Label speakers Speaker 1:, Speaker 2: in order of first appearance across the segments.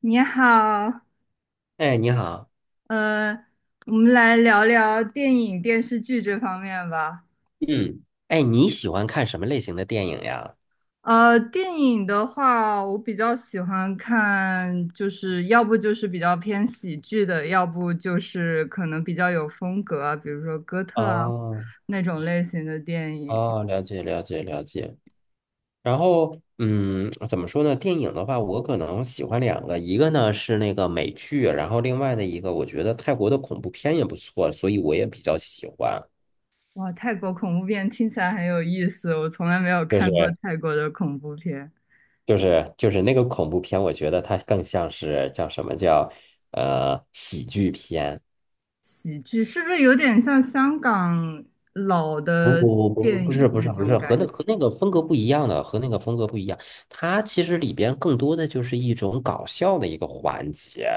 Speaker 1: 你好，
Speaker 2: 哎，你好，
Speaker 1: 呃，我们来聊聊电影、电视剧这方面吧。
Speaker 2: 嗯，哎，你喜欢看什么类型的电影呀？
Speaker 1: 电影的话，我比较喜欢看，就是要不就是比较偏喜剧的，要不就是可能比较有风格啊，比如说哥特啊
Speaker 2: 哦
Speaker 1: 那种类型的电影。
Speaker 2: 哦，了解了解了解。然后，怎么说呢？电影的话，我可能喜欢两个，一个呢是那个美剧，然后另外的一个，我觉得泰国的恐怖片也不错，所以我也比较喜欢。
Speaker 1: 哇，泰国恐怖片听起来很有意思，我从来没有
Speaker 2: 就
Speaker 1: 看
Speaker 2: 是
Speaker 1: 过泰国的恐怖片。
Speaker 2: 就是那个恐怖片，我觉得它更像是叫什么叫喜剧片。
Speaker 1: 喜剧是不是有点像香港老
Speaker 2: 不
Speaker 1: 的
Speaker 2: 不不不
Speaker 1: 电
Speaker 2: 不
Speaker 1: 影
Speaker 2: 是不
Speaker 1: 那
Speaker 2: 是不
Speaker 1: 种
Speaker 2: 是和
Speaker 1: 感
Speaker 2: 那
Speaker 1: 觉？
Speaker 2: 和那个风格不一样的，和那个风格不一样。它其实里边更多的就是一种搞笑的一个环节。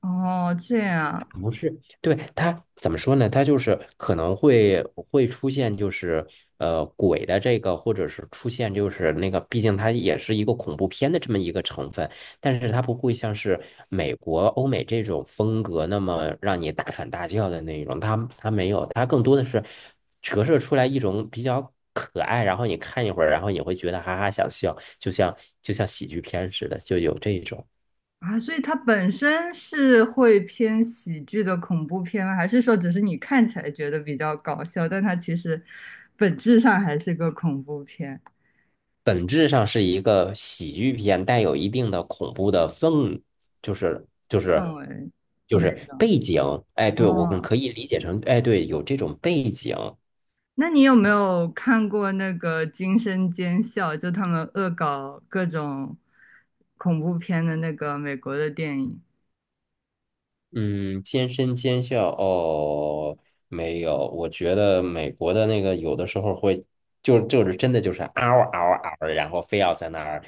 Speaker 1: 哦，这样
Speaker 2: 不是，对，它怎么说呢？它就是可能会出现，就是鬼的这个，或者是出现就是那个，毕竟它也是一个恐怖片的这么一个成分，但是它不会像是美国、欧美这种风格那么让你大喊大叫的那种，它没有，它更多的是折射出来一种比较可爱，然后你看一会儿，然后你会觉得哈哈想笑，就像喜剧片似的，就有这种。
Speaker 1: 啊，所以它本身是会偏喜剧的恐怖片吗？还是说只是你看起来觉得比较搞笑，但它其实本质上还是个恐怖片
Speaker 2: 本质上是一个喜剧片，带有一定的恐怖的氛，就是就是
Speaker 1: 氛围
Speaker 2: 就
Speaker 1: 那
Speaker 2: 是
Speaker 1: 种？
Speaker 2: 背景。哎，对，我们
Speaker 1: 哦，
Speaker 2: 可以理解成，哎，对，有这种背景。
Speaker 1: 那你有没有看过那个《惊声尖笑》？就他们恶搞各种恐怖片的那个美国的电影？
Speaker 2: 嗯，尖声尖笑哦，没有，我觉得美国的那个有的时候会，就是真的就是嗷嗷嗷，然后非要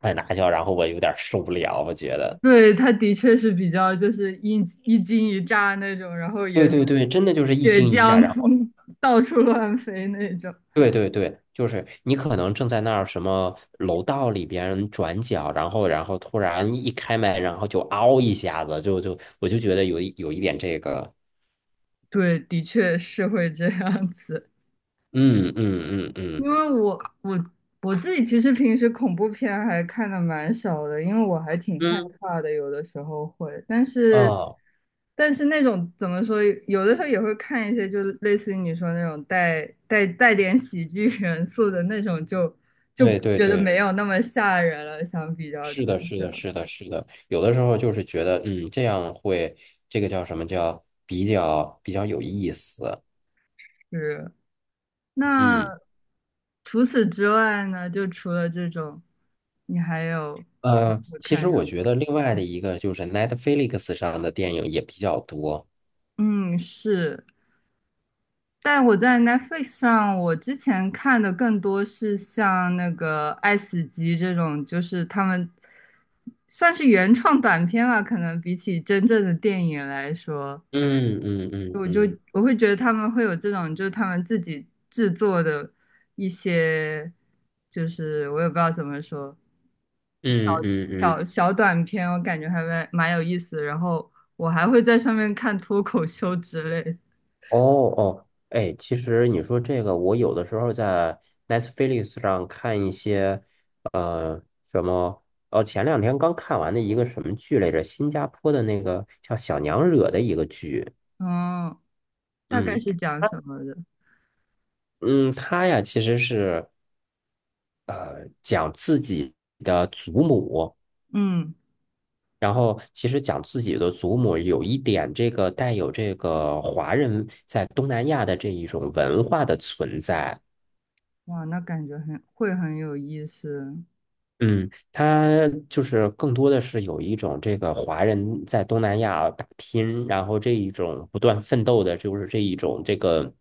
Speaker 2: 在那叫，然后我有点受不了，我觉得。
Speaker 1: 对，它的确是比较就是一惊一乍那种，然后
Speaker 2: 对
Speaker 1: 也
Speaker 2: 对对，真的就是一
Speaker 1: 血
Speaker 2: 惊一乍，
Speaker 1: 浆
Speaker 2: 然后。
Speaker 1: 到处乱飞那种。
Speaker 2: 对对对，就是你可能正在那儿什么楼道里边转角，然后突然一开门，然后就嗷一下子，就我就觉得有一点这个，
Speaker 1: 对，的确是会这样子，
Speaker 2: 嗯嗯嗯
Speaker 1: 因
Speaker 2: 嗯
Speaker 1: 为我我自己其实平时恐怖片还看的蛮少的，因为我还挺害
Speaker 2: 嗯，
Speaker 1: 怕的，有的时候会，但是
Speaker 2: 哦，
Speaker 1: 但是那种怎么说，有的时候也会看一些，就类似于你说那种带点喜剧元素的那种就，就
Speaker 2: 对对
Speaker 1: 觉得
Speaker 2: 对，
Speaker 1: 没有那么吓人了，相比较
Speaker 2: 是
Speaker 1: 真
Speaker 2: 的，是的，
Speaker 1: 的
Speaker 2: 是的，是的，有的时候就是觉得，这样会这个叫什么叫比较有意思，
Speaker 1: 是。那
Speaker 2: 嗯。
Speaker 1: 除此之外呢，就除了这种，你还有平时会
Speaker 2: 其实
Speaker 1: 看什
Speaker 2: 我
Speaker 1: 么？
Speaker 2: 觉得另外的
Speaker 1: 嗯
Speaker 2: 一个就是 Netflix 上的电影也比较多，
Speaker 1: 嗯，是。但我在 Netflix 上，我之前看的更多是像那个《爱死机》这种，就是他们算是原创短片吧，可能比起真正的电影来说。
Speaker 2: 嗯嗯嗯
Speaker 1: 我就
Speaker 2: 嗯。
Speaker 1: 我会觉得他们会有这种，就是他们自己制作的一些，就是我也不知道怎么说，小
Speaker 2: 嗯嗯嗯，
Speaker 1: 小短片，我感觉还蛮有意思。然后我还会在上面看脱口秀之类的
Speaker 2: 哦哦，哎，其实你说这个，我有的时候在 Netflix 上看一些，呃，什么，哦，前两天刚看完的一个什么剧来着，新加坡的那个叫《小娘惹》的一个剧，
Speaker 1: 嗯，大概
Speaker 2: 嗯
Speaker 1: 是讲什么的，
Speaker 2: 嗯，它呀其实是讲自己的祖母，
Speaker 1: 嗯，
Speaker 2: 然后其实讲自己的祖母有一点这个带有这个华人在东南亚的这一种文化的存在。
Speaker 1: 哇，那感觉很会很有意思。
Speaker 2: 嗯，他就是更多的是有一种这个华人在东南亚打拼，然后这一种不断奋斗的，就是这一种这个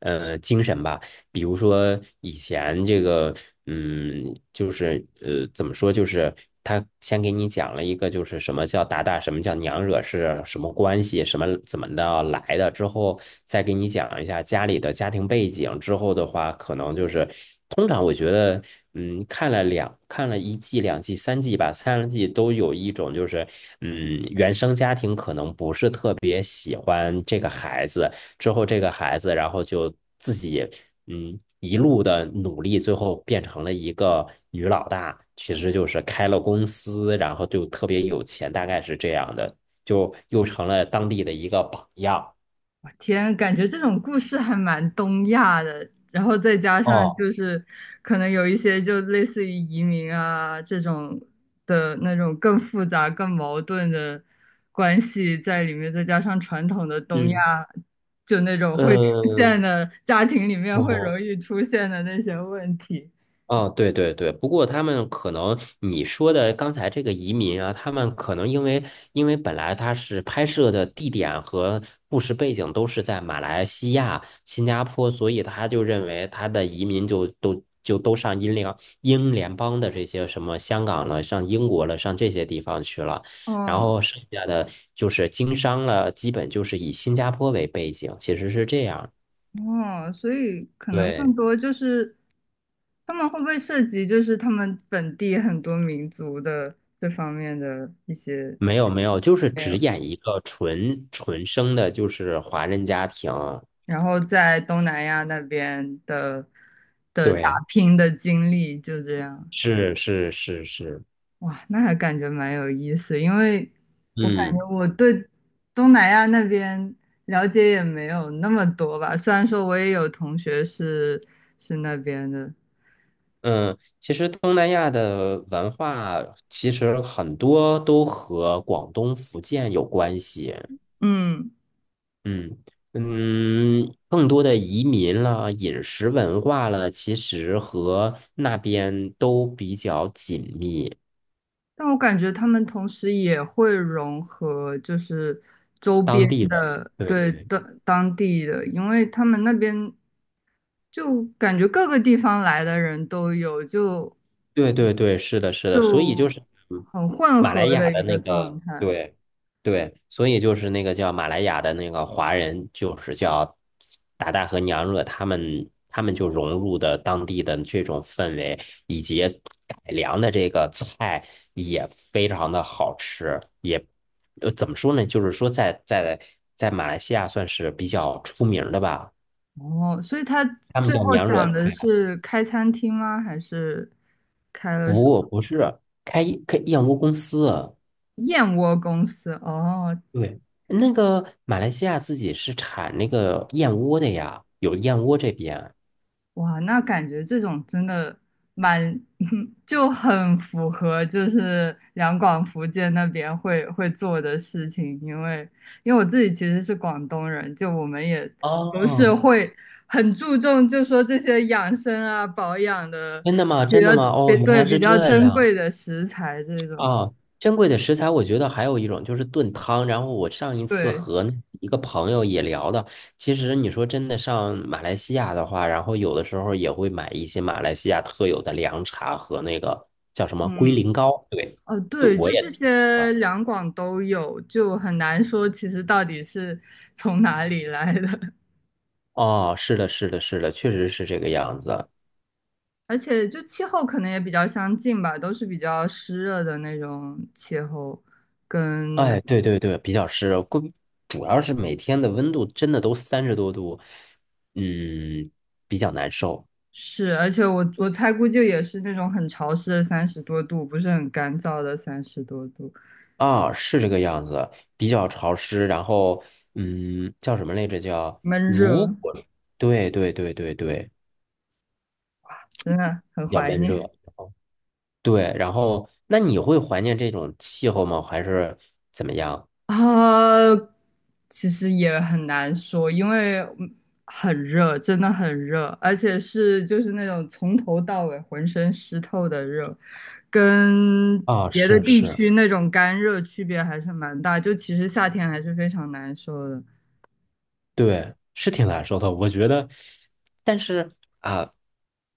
Speaker 2: 精神吧。比如说以前这个，嗯，就是怎么说，就是他先给你讲了一个，就是什么叫打打，什么叫娘惹是什么关系，什么怎么的来的，之后再给你讲一下家里的家庭背景，之后的话，可能就是通常我觉得，看了一季、两季、三季吧，三季都有一种就是，原生家庭可能不是特别喜欢这个孩子。之后这个孩子，然后就自己一路的努力，最后变成了一个女老大，其实就是开了公司，然后就特别有钱，大概是这样的，就又成了当地的一个榜样。
Speaker 1: 我天，感觉这种故事还蛮东亚的，然后再加上
Speaker 2: 哦，
Speaker 1: 就是可能有一些就类似于移民啊这种的那种更复杂、更矛盾的关系在里面，再加上传统的东亚
Speaker 2: 嗯，
Speaker 1: 就那种会出
Speaker 2: 嗯，
Speaker 1: 现的家庭里面会
Speaker 2: 我
Speaker 1: 容易出现的那些问题，
Speaker 2: 哦，对对对，不过他们可能你说的刚才这个移民啊，他们可能因为本来他是拍摄的地点和故事背景都是在马来西亚、新加坡，所以他就认为他的移民就都上英联邦的这些什么香港了、上英国了、上这些地方去了，然
Speaker 1: 嗯。
Speaker 2: 后剩下的就是经商了，基本就是以新加坡为背景，其实是这样。
Speaker 1: 哦，所以可能更
Speaker 2: 对。
Speaker 1: 多就是他们会不会涉及就是他们本地很多民族的这方面的一些
Speaker 2: 没有没有，就是
Speaker 1: 没
Speaker 2: 只
Speaker 1: 有。
Speaker 2: 演一个纯生的，就是华人家庭。
Speaker 1: 然后在东南亚那边的的打
Speaker 2: 对，
Speaker 1: 拼的经历就这样，
Speaker 2: 是是是是，
Speaker 1: 哇，那还感觉蛮有意思，因为我感
Speaker 2: 嗯
Speaker 1: 觉我对东南亚那边了解也没有那么多吧，虽然说我也有同学是是那边的，
Speaker 2: 嗯，其实东南亚的文化其实很多都和广东、福建有关系。
Speaker 1: 嗯。
Speaker 2: 嗯嗯，更多的移民了、饮食文化了，其实和那边都比较紧密，
Speaker 1: 但我感觉他们同时也会融合，就是周边
Speaker 2: 当地的。
Speaker 1: 的，
Speaker 2: 对
Speaker 1: 对，
Speaker 2: 对。
Speaker 1: 当地的，因为他们那边就感觉各个地方来的人都有，就
Speaker 2: 对对对，是的，是的，所以就
Speaker 1: 就
Speaker 2: 是
Speaker 1: 很混
Speaker 2: 马来
Speaker 1: 合的
Speaker 2: 亚的
Speaker 1: 一个
Speaker 2: 那
Speaker 1: 状
Speaker 2: 个，
Speaker 1: 态。
Speaker 2: 对对，所以就是那个叫马来亚的那个华人，就是叫达达和娘惹，他们就融入的当地的这种氛围，以及改良的这个菜也非常的好吃，也怎么说呢，就是说在马来西亚算是比较出名的吧，
Speaker 1: 哦，所以他
Speaker 2: 他们
Speaker 1: 最
Speaker 2: 叫
Speaker 1: 后
Speaker 2: 娘惹
Speaker 1: 讲的
Speaker 2: 菜，
Speaker 1: 是开餐厅吗？还是开了什么
Speaker 2: 开一开燕窝公司啊。
Speaker 1: 燕窝公司？哦，
Speaker 2: 对，那个马来西亚自己是产那个燕窝的呀，有燕窝这边。
Speaker 1: 哇，那感觉这种真的蛮 就很符合就是两广福建那边会做的事情，因为因为我自己其实是广东人，就我们也不是
Speaker 2: 哦，
Speaker 1: 会很注重，就说这些养生啊、保养的
Speaker 2: 真的吗？
Speaker 1: 比
Speaker 2: 真
Speaker 1: 较
Speaker 2: 的吗？
Speaker 1: 对
Speaker 2: 哦，原
Speaker 1: 对
Speaker 2: 来
Speaker 1: 比
Speaker 2: 是
Speaker 1: 较
Speaker 2: 这
Speaker 1: 珍
Speaker 2: 样
Speaker 1: 贵的食材这种，
Speaker 2: 啊！珍贵的食材，我觉得还有一种就是炖汤。然后我上一次
Speaker 1: 对，
Speaker 2: 和那一个朋友也聊的，其实你说真的上马来西亚的话，然后有的时候也会买一些马来西亚特有的凉茶和那个叫什么龟
Speaker 1: 嗯。
Speaker 2: 苓膏。对，
Speaker 1: 哦，
Speaker 2: 对，
Speaker 1: 对，
Speaker 2: 我
Speaker 1: 就
Speaker 2: 也
Speaker 1: 这
Speaker 2: 听说
Speaker 1: 些
Speaker 2: 过。
Speaker 1: 两广都有，就很难说其实到底是从哪里来的。
Speaker 2: 哦，是的，是的，是的，确实是这个样子。
Speaker 1: 而且就气候可能也比较相近吧，都是比较湿热的那种气候，跟
Speaker 2: 哎，对对对，比较湿，主要是每天的温度真的都30多度，嗯，比较难受
Speaker 1: 是，而且我猜估计也是那种很潮湿的三十多度，不是很干燥的三十多度，
Speaker 2: 啊，是这个样子，比较潮湿，然后叫什么来着？叫
Speaker 1: 闷
Speaker 2: 如
Speaker 1: 热，
Speaker 2: 果对对对对对，
Speaker 1: 真的很
Speaker 2: 比较
Speaker 1: 怀
Speaker 2: 闷
Speaker 1: 念。
Speaker 2: 热，对，然后那你会怀念这种气候吗？还是怎么样？
Speaker 1: 啊，其实也很难说，因为嗯很热，真的很热，而且是就是那种从头到尾浑身湿透的热，跟
Speaker 2: 啊，
Speaker 1: 别的
Speaker 2: 是
Speaker 1: 地
Speaker 2: 是。
Speaker 1: 区那种干热区别还是蛮大。就其实夏天还是非常难受的。
Speaker 2: 对，是挺难受的，我觉得。但是啊，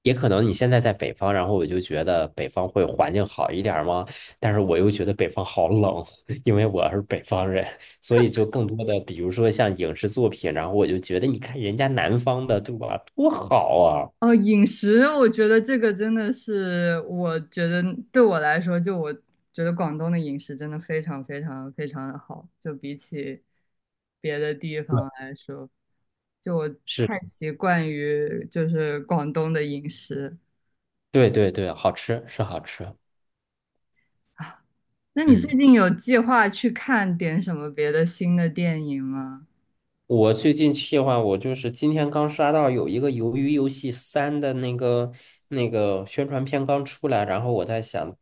Speaker 2: 也可能你现在在北方，然后我就觉得北方会环境好一点儿吗？但是我又觉得北方好冷，因为我是北方人，所以就更多的，比如说像影视作品，然后我就觉得，你看人家南方的，对吧？多好啊！
Speaker 1: 哦，饮食，我觉得这个真的是，我觉得对我来说，就我觉得广东的饮食真的非常非常非常的好，就比起别的地
Speaker 2: 对，
Speaker 1: 方来说，就我
Speaker 2: 是，
Speaker 1: 太习惯于就是广东的饮食
Speaker 2: 对对对，好吃是好吃，
Speaker 1: 啊。那你最
Speaker 2: 嗯。
Speaker 1: 近有计划去看点什么别的新的电影吗？
Speaker 2: 我最近计话，我就是今天刚刷到有一个《鱿鱼游戏三》的那个宣传片刚出来，然后我在想，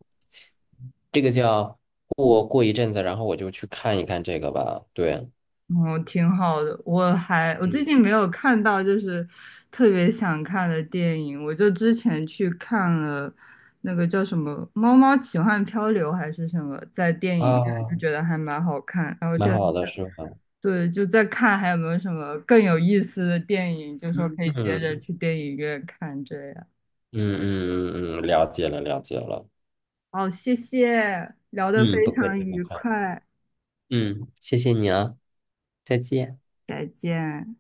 Speaker 2: 这个叫过一阵子，然后我就去看一看这个吧。对，
Speaker 1: 哦，挺好的。我还我最
Speaker 2: 嗯
Speaker 1: 近没有看到就是特别想看的电影，我就之前去看了那个叫什么《猫猫奇幻漂流》还是什么，在电影院就
Speaker 2: 啊，
Speaker 1: 觉得还蛮好看。然后
Speaker 2: 蛮
Speaker 1: 就
Speaker 2: 好的，是吧？
Speaker 1: 对，就在看还有没有什么更有意思的电影，就说
Speaker 2: 嗯
Speaker 1: 可以接着
Speaker 2: 嗯
Speaker 1: 去电影院看这样。
Speaker 2: 嗯嗯嗯，了解了了解了。
Speaker 1: 好，谢谢，聊得
Speaker 2: 嗯，
Speaker 1: 非
Speaker 2: 不客
Speaker 1: 常
Speaker 2: 气不
Speaker 1: 愉
Speaker 2: 客气。
Speaker 1: 快，
Speaker 2: 嗯，谢谢你啊，再见。
Speaker 1: 再见。